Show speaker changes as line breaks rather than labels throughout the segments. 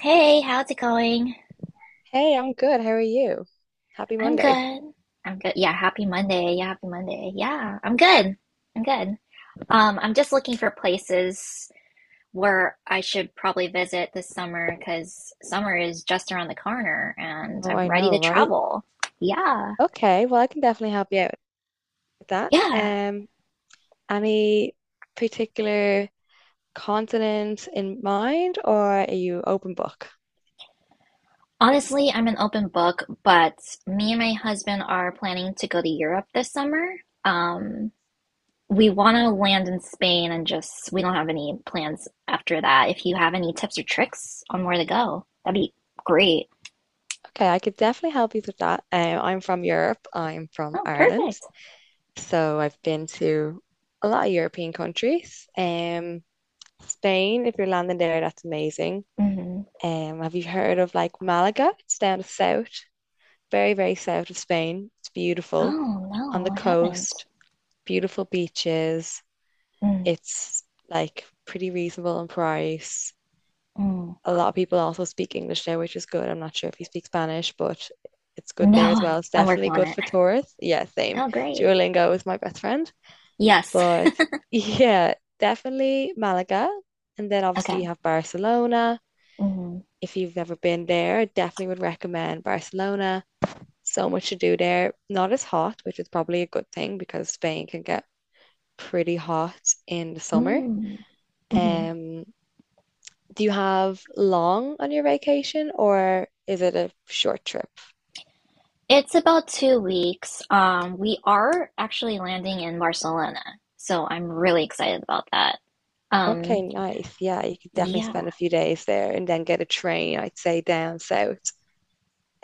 Hey, how's it going?
Hey, I'm good. How are you? Happy
I'm
Monday.
good. I'm good. Yeah, happy Monday. Yeah, happy Monday. Yeah, I'm good. I'm good. I'm just looking for places where I should probably visit this summer because summer is just around the corner and
Oh,
I'm
I
ready
know,
to
right?
travel. Yeah.
Okay, well, I can definitely help you out with that.
Yeah.
Any particular continent in mind, or are you open book?
Honestly, I'm an open book, but me and my husband are planning to go to Europe this summer. Um, We want to land in Spain and just, we don't have any plans after that. If you have any tips or tricks on where to go, that'd be great.
Okay, I could definitely help you with that. I'm from Europe. I'm from
Oh,
Ireland,
perfect.
so I've been to a lot of European countries. Spain, if you're landing there, that's amazing.
Hmm.
Have you heard of like Malaga? It's down the south, very, very south of Spain. It's beautiful
Oh,
on
no,
the
I haven't.
coast, beautiful beaches.
Mm.
It's like pretty reasonable in price.
Mm.
A lot of people also speak English there, which is good. I'm not sure if you speak Spanish, but it's good there as
No,
well. It's
I'm working
definitely
on
good
it.
for tourists. Yeah, same.
Oh, great.
Duolingo is my best friend.
Yes.
But yeah, definitely Malaga. And then
Okay.
obviously you have Barcelona.
Mm.
If you've never been there, I definitely would recommend Barcelona. So much to do there. Not as hot, which is probably a good thing because Spain can get pretty hot in the summer.
Mm. Hmm.
Um, do you have long on your vacation or is it a short trip?
It's about 2 weeks. We are actually landing in Barcelona, so I'm really excited about that. Um,
Okay, nice. Yeah, you could definitely
yeah.
spend a few days there and then get a train, I'd say, down south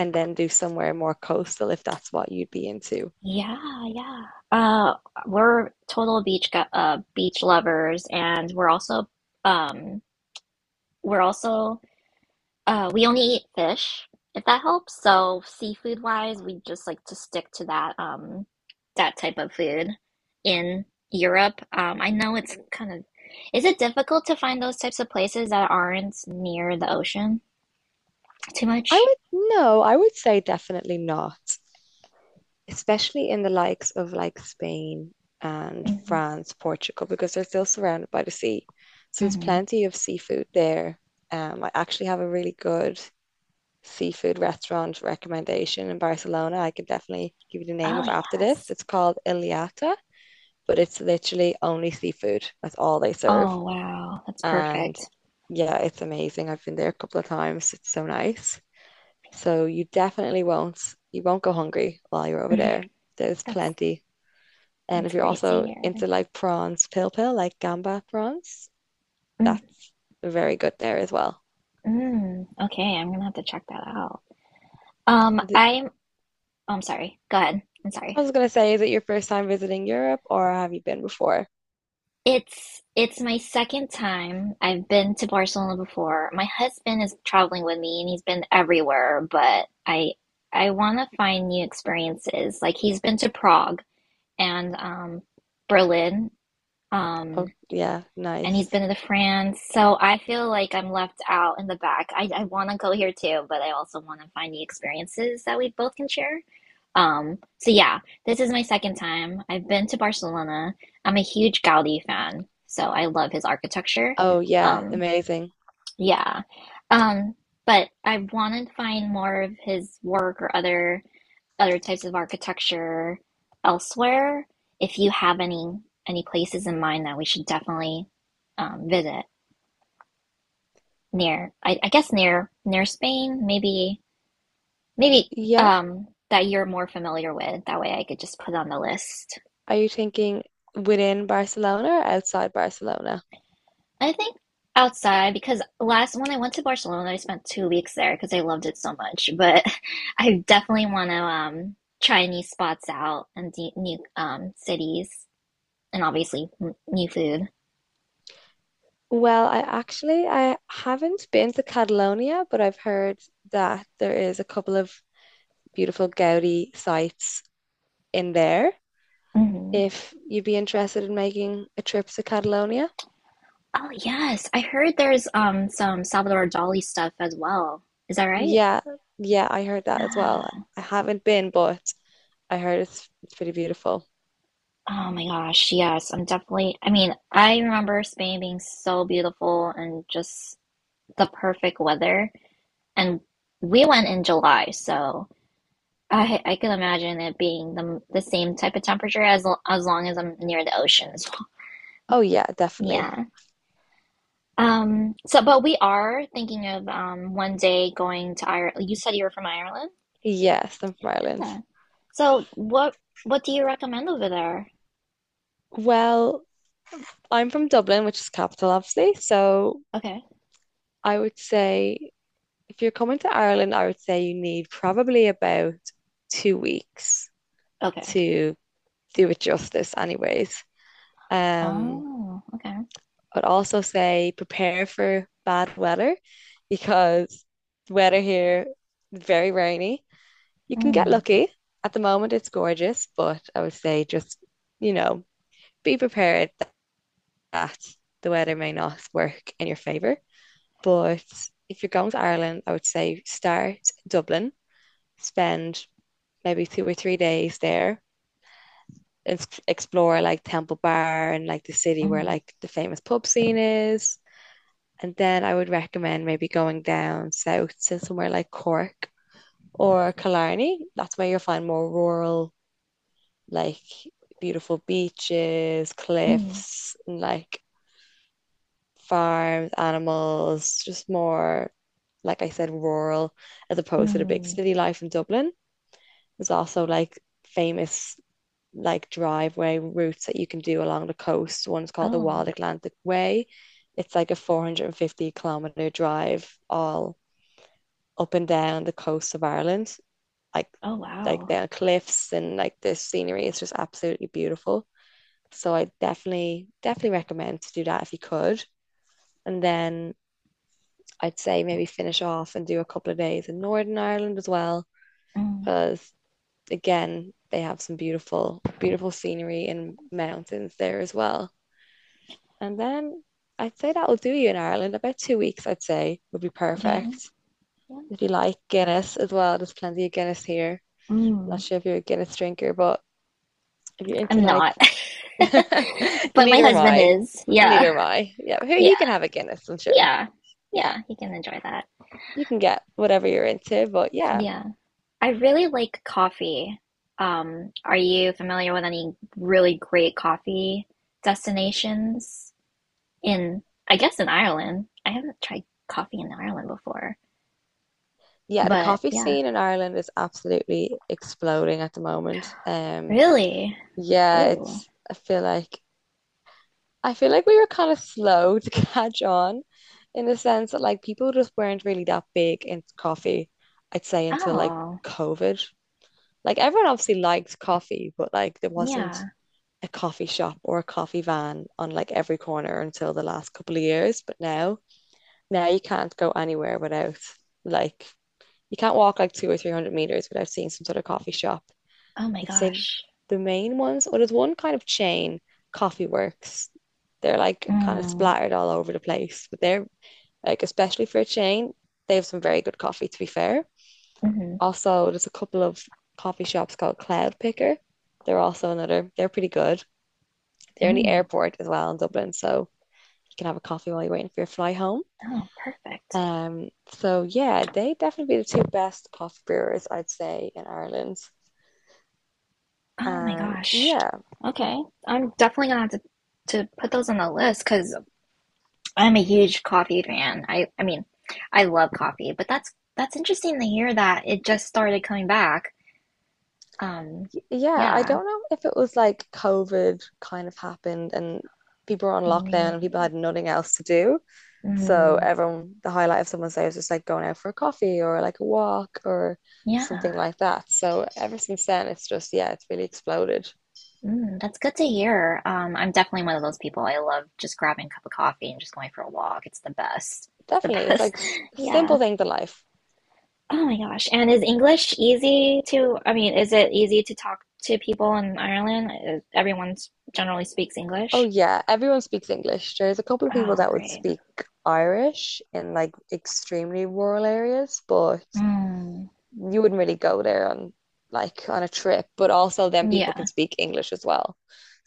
and then do somewhere more coastal if that's what you'd be into.
Yeah, yeah. Uh, we're total beach lovers, and um we're also we only eat fish, if that helps. So seafood wise, we just like to stick to that, that type of food in Europe. I know it's kind of is it difficult to find those types of places that aren't near the ocean too
I
much?
would no, I would say definitely not, especially in the likes of like Spain and
Hmm.
France, Portugal, because they're still surrounded by the sea. So there's
Hmm.
plenty of seafood there. I actually have a really good seafood restaurant recommendation in Barcelona. I can definitely give you the name
Oh
of after this.
yes.
It's called Iliata, but it's literally only seafood. That's all they serve.
Oh wow, that's
And
perfect.
yeah, it's amazing. I've been there a couple of times. It's so nice. So you definitely won't go hungry while you're over there. There's
That's
plenty. And if
That's
you're
great to
also
hear.
into like prawns, pill pill, like gamba prawns,
Mm.
that's very good there as well.
Mm. Okay, I'm gonna have to check that out.
Is it-
I'm oh, I'm sorry. Go ahead. I'm
I
sorry.
was gonna say, is it your first time visiting Europe or have you been before?
It's my second time. I've been to Barcelona before. My husband is traveling with me and he's been everywhere, but I want to find new experiences. Like he's been to Prague and Berlin.
Oh
Um
yeah,
and he's
nice.
been to France. So I feel like I'm left out in the back. I want to go here too, but I also want to find the experiences that we both can share. So yeah, this is my second time. I've been to Barcelona. I'm a huge Gaudi fan, so I love his architecture.
Oh yeah,
Um,
amazing.
yeah. Um, but I want to find more of his work or other types of architecture elsewhere. If you have any places in mind that we should definitely visit near near Spain, maybe
Yeah.
that you're more familiar with. That way I could just put on the list.
Are you thinking within Barcelona or outside Barcelona?
I think outside because last when I went to Barcelona, I spent 2 weeks there because I loved it so much. But I definitely want to try new spots out and new cities and obviously new food.
Well, I haven't been to Catalonia, but I've heard that there is a couple of beautiful Gaudi sites in there
Hmm.
if you'd be interested in making a trip to Catalonia.
Oh yes, I heard there's some Salvador Dali stuff as well. Is that right?
Yeah, yeah, I heard that as well.
Yeah.
I haven't been, but I heard it's pretty beautiful.
Oh my gosh, yes, I'm definitely. I mean, I remember Spain being so beautiful and just the perfect weather. And we went in July, so I can imagine it being the same type of temperature as as long as I'm near the ocean as well.
Oh yeah, definitely.
Yeah. So, but we are thinking of one day going to Ireland. You said you were from Ireland.
Yes, I'm from Ireland.
Yeah. So what do you recommend over there?
Well, I'm from Dublin, which is capital, obviously. So
Okay.
I would say if you're coming to Ireland, I would say you need probably about 2 weeks
Okay.
to do it justice, anyways. Um,
Oh. Okay.
I'd also say prepare for bad weather because the weather here is very rainy. You can get
Mm,
lucky. At the moment, it's gorgeous, but I would say just, you know, be prepared that the weather may not work in your favor. But if you're going to Ireland, I would say start Dublin, spend maybe 2 or 3 days there and explore like Temple Bar and like the city where
mm,
like the famous pub scene is. And then I would recommend maybe going down south to somewhere like Cork or Killarney. That's where you'll find more rural, like beautiful beaches,
mm.
cliffs, and like farms, animals, just more, like I said, rural as opposed to the big
Mm.
city life in Dublin. There's also like famous like driveway routes that you can do along the coast. One's called the
Oh,
Wild Atlantic Way. It's like a 450-kilometer drive all up and down the coast of Ireland, like
oh
like
wow.
down cliffs and like the scenery is just absolutely beautiful. So I definitely recommend to do that if you could. And then I'd say maybe finish off and do a couple of days in Northern Ireland as well,
Mm.
because again, they have some beautiful, beautiful scenery and mountains there as well. And then I'd say that will do you in Ireland. About 2 weeks, I'd say, would be
Yeah,
perfect.
yeah.
If you like Guinness as well, there's plenty of Guinness here.
Mm.
Not sure if you're a Guinness drinker, but if you're into
I'm
like,
not. But my
neither am
husband
I.
is. Yeah.
Neither am I. Yeah, here
Yeah.
you can have a Guinness, I'm sure.
Yeah.
Yeah,
Yeah, he can enjoy that.
you can get whatever you're into, but yeah.
Yeah. I really like coffee. Are you familiar with any really great coffee destinations in, I guess in Ireland? I haven't tried coffee in Ireland before.
Yeah, the
But
coffee
yeah,
scene in Ireland is absolutely exploding at the moment.
really?
Yeah,
Ooh.
it's I feel like we were kind of slow to catch on in the sense that like people just weren't really that big into coffee, I'd say until like
Oh,
COVID. Like everyone obviously liked coffee, but like there wasn't
yeah.
a coffee shop or a coffee van on like every corner until the last couple of years. But now you can't go anywhere without like you can't walk like two or three hundred meters without seeing some sort of coffee shop.
Oh my
I'd say
gosh.
the main ones, or there's one kind of chain, Coffee Works. They're like kind of
Mm,
splattered all over the place, but they're like especially for a chain, they have some very good coffee to be fair.
mm,
Also, there's a couple of coffee shops called Cloud Picker. They're also another, they're pretty good. The only
mm.
airport as well in Dublin, so you can have a coffee while you're waiting for your fly home.
Oh, perfect.
Um, so yeah, they definitely be the two best coffee brewers, I'd say, in Ireland.
Oh my
And
gosh.
yeah,
Okay. I'm definitely gonna have to put those on the list because I'm a huge coffee fan. I mean, I love coffee, but that's interesting to hear that it just started coming back. Um,
yeah, I
yeah,
don't know if it was like COVID kind of happened and people were on lockdown and
maybe.
people had nothing else to do. So
Mm,
everyone, the highlight of someone's day was just like going out for a coffee or like a walk or something
yeah.
like that. So ever since then, it's just, yeah, it's really exploded.
Mm, that's good to hear. I'm definitely one of those people. I love just grabbing a cup of coffee and just going for a walk. It's the best. It's the
Definitely, it's
best.
like s
Yeah.
simple things in life.
Oh my gosh. And is English easy to, I mean, is it easy to talk to people in Ireland? Everyone generally speaks
Oh
English.
yeah, everyone speaks English. There's a couple of people
Oh,
that would
great.
speak Irish in like extremely rural areas, but
Mm,
you wouldn't really go there on like on a trip. But also then people
yeah.
can speak English as well.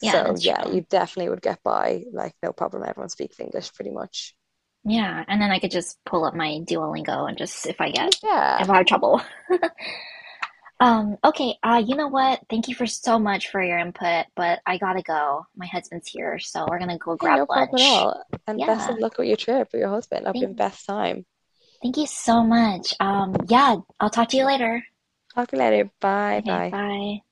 Yeah, that's
yeah,
true.
you definitely would get by like no problem. Everyone speaks English pretty much.
Yeah. And then I could just pull up my Duolingo and just if I get, if
Yeah.
I have trouble. Okay. You know what? Thank you for so much for your input, but I gotta go. My husband's here, so we're gonna go
Okay,
grab
no problem at
lunch.
all. And best
Yeah.
of luck with your trip with your husband. I hope you
Thank,
have the best time.
thank you so much. Yeah, I'll talk to you later.
Talk to you later. Bye
Okay,
bye.
bye.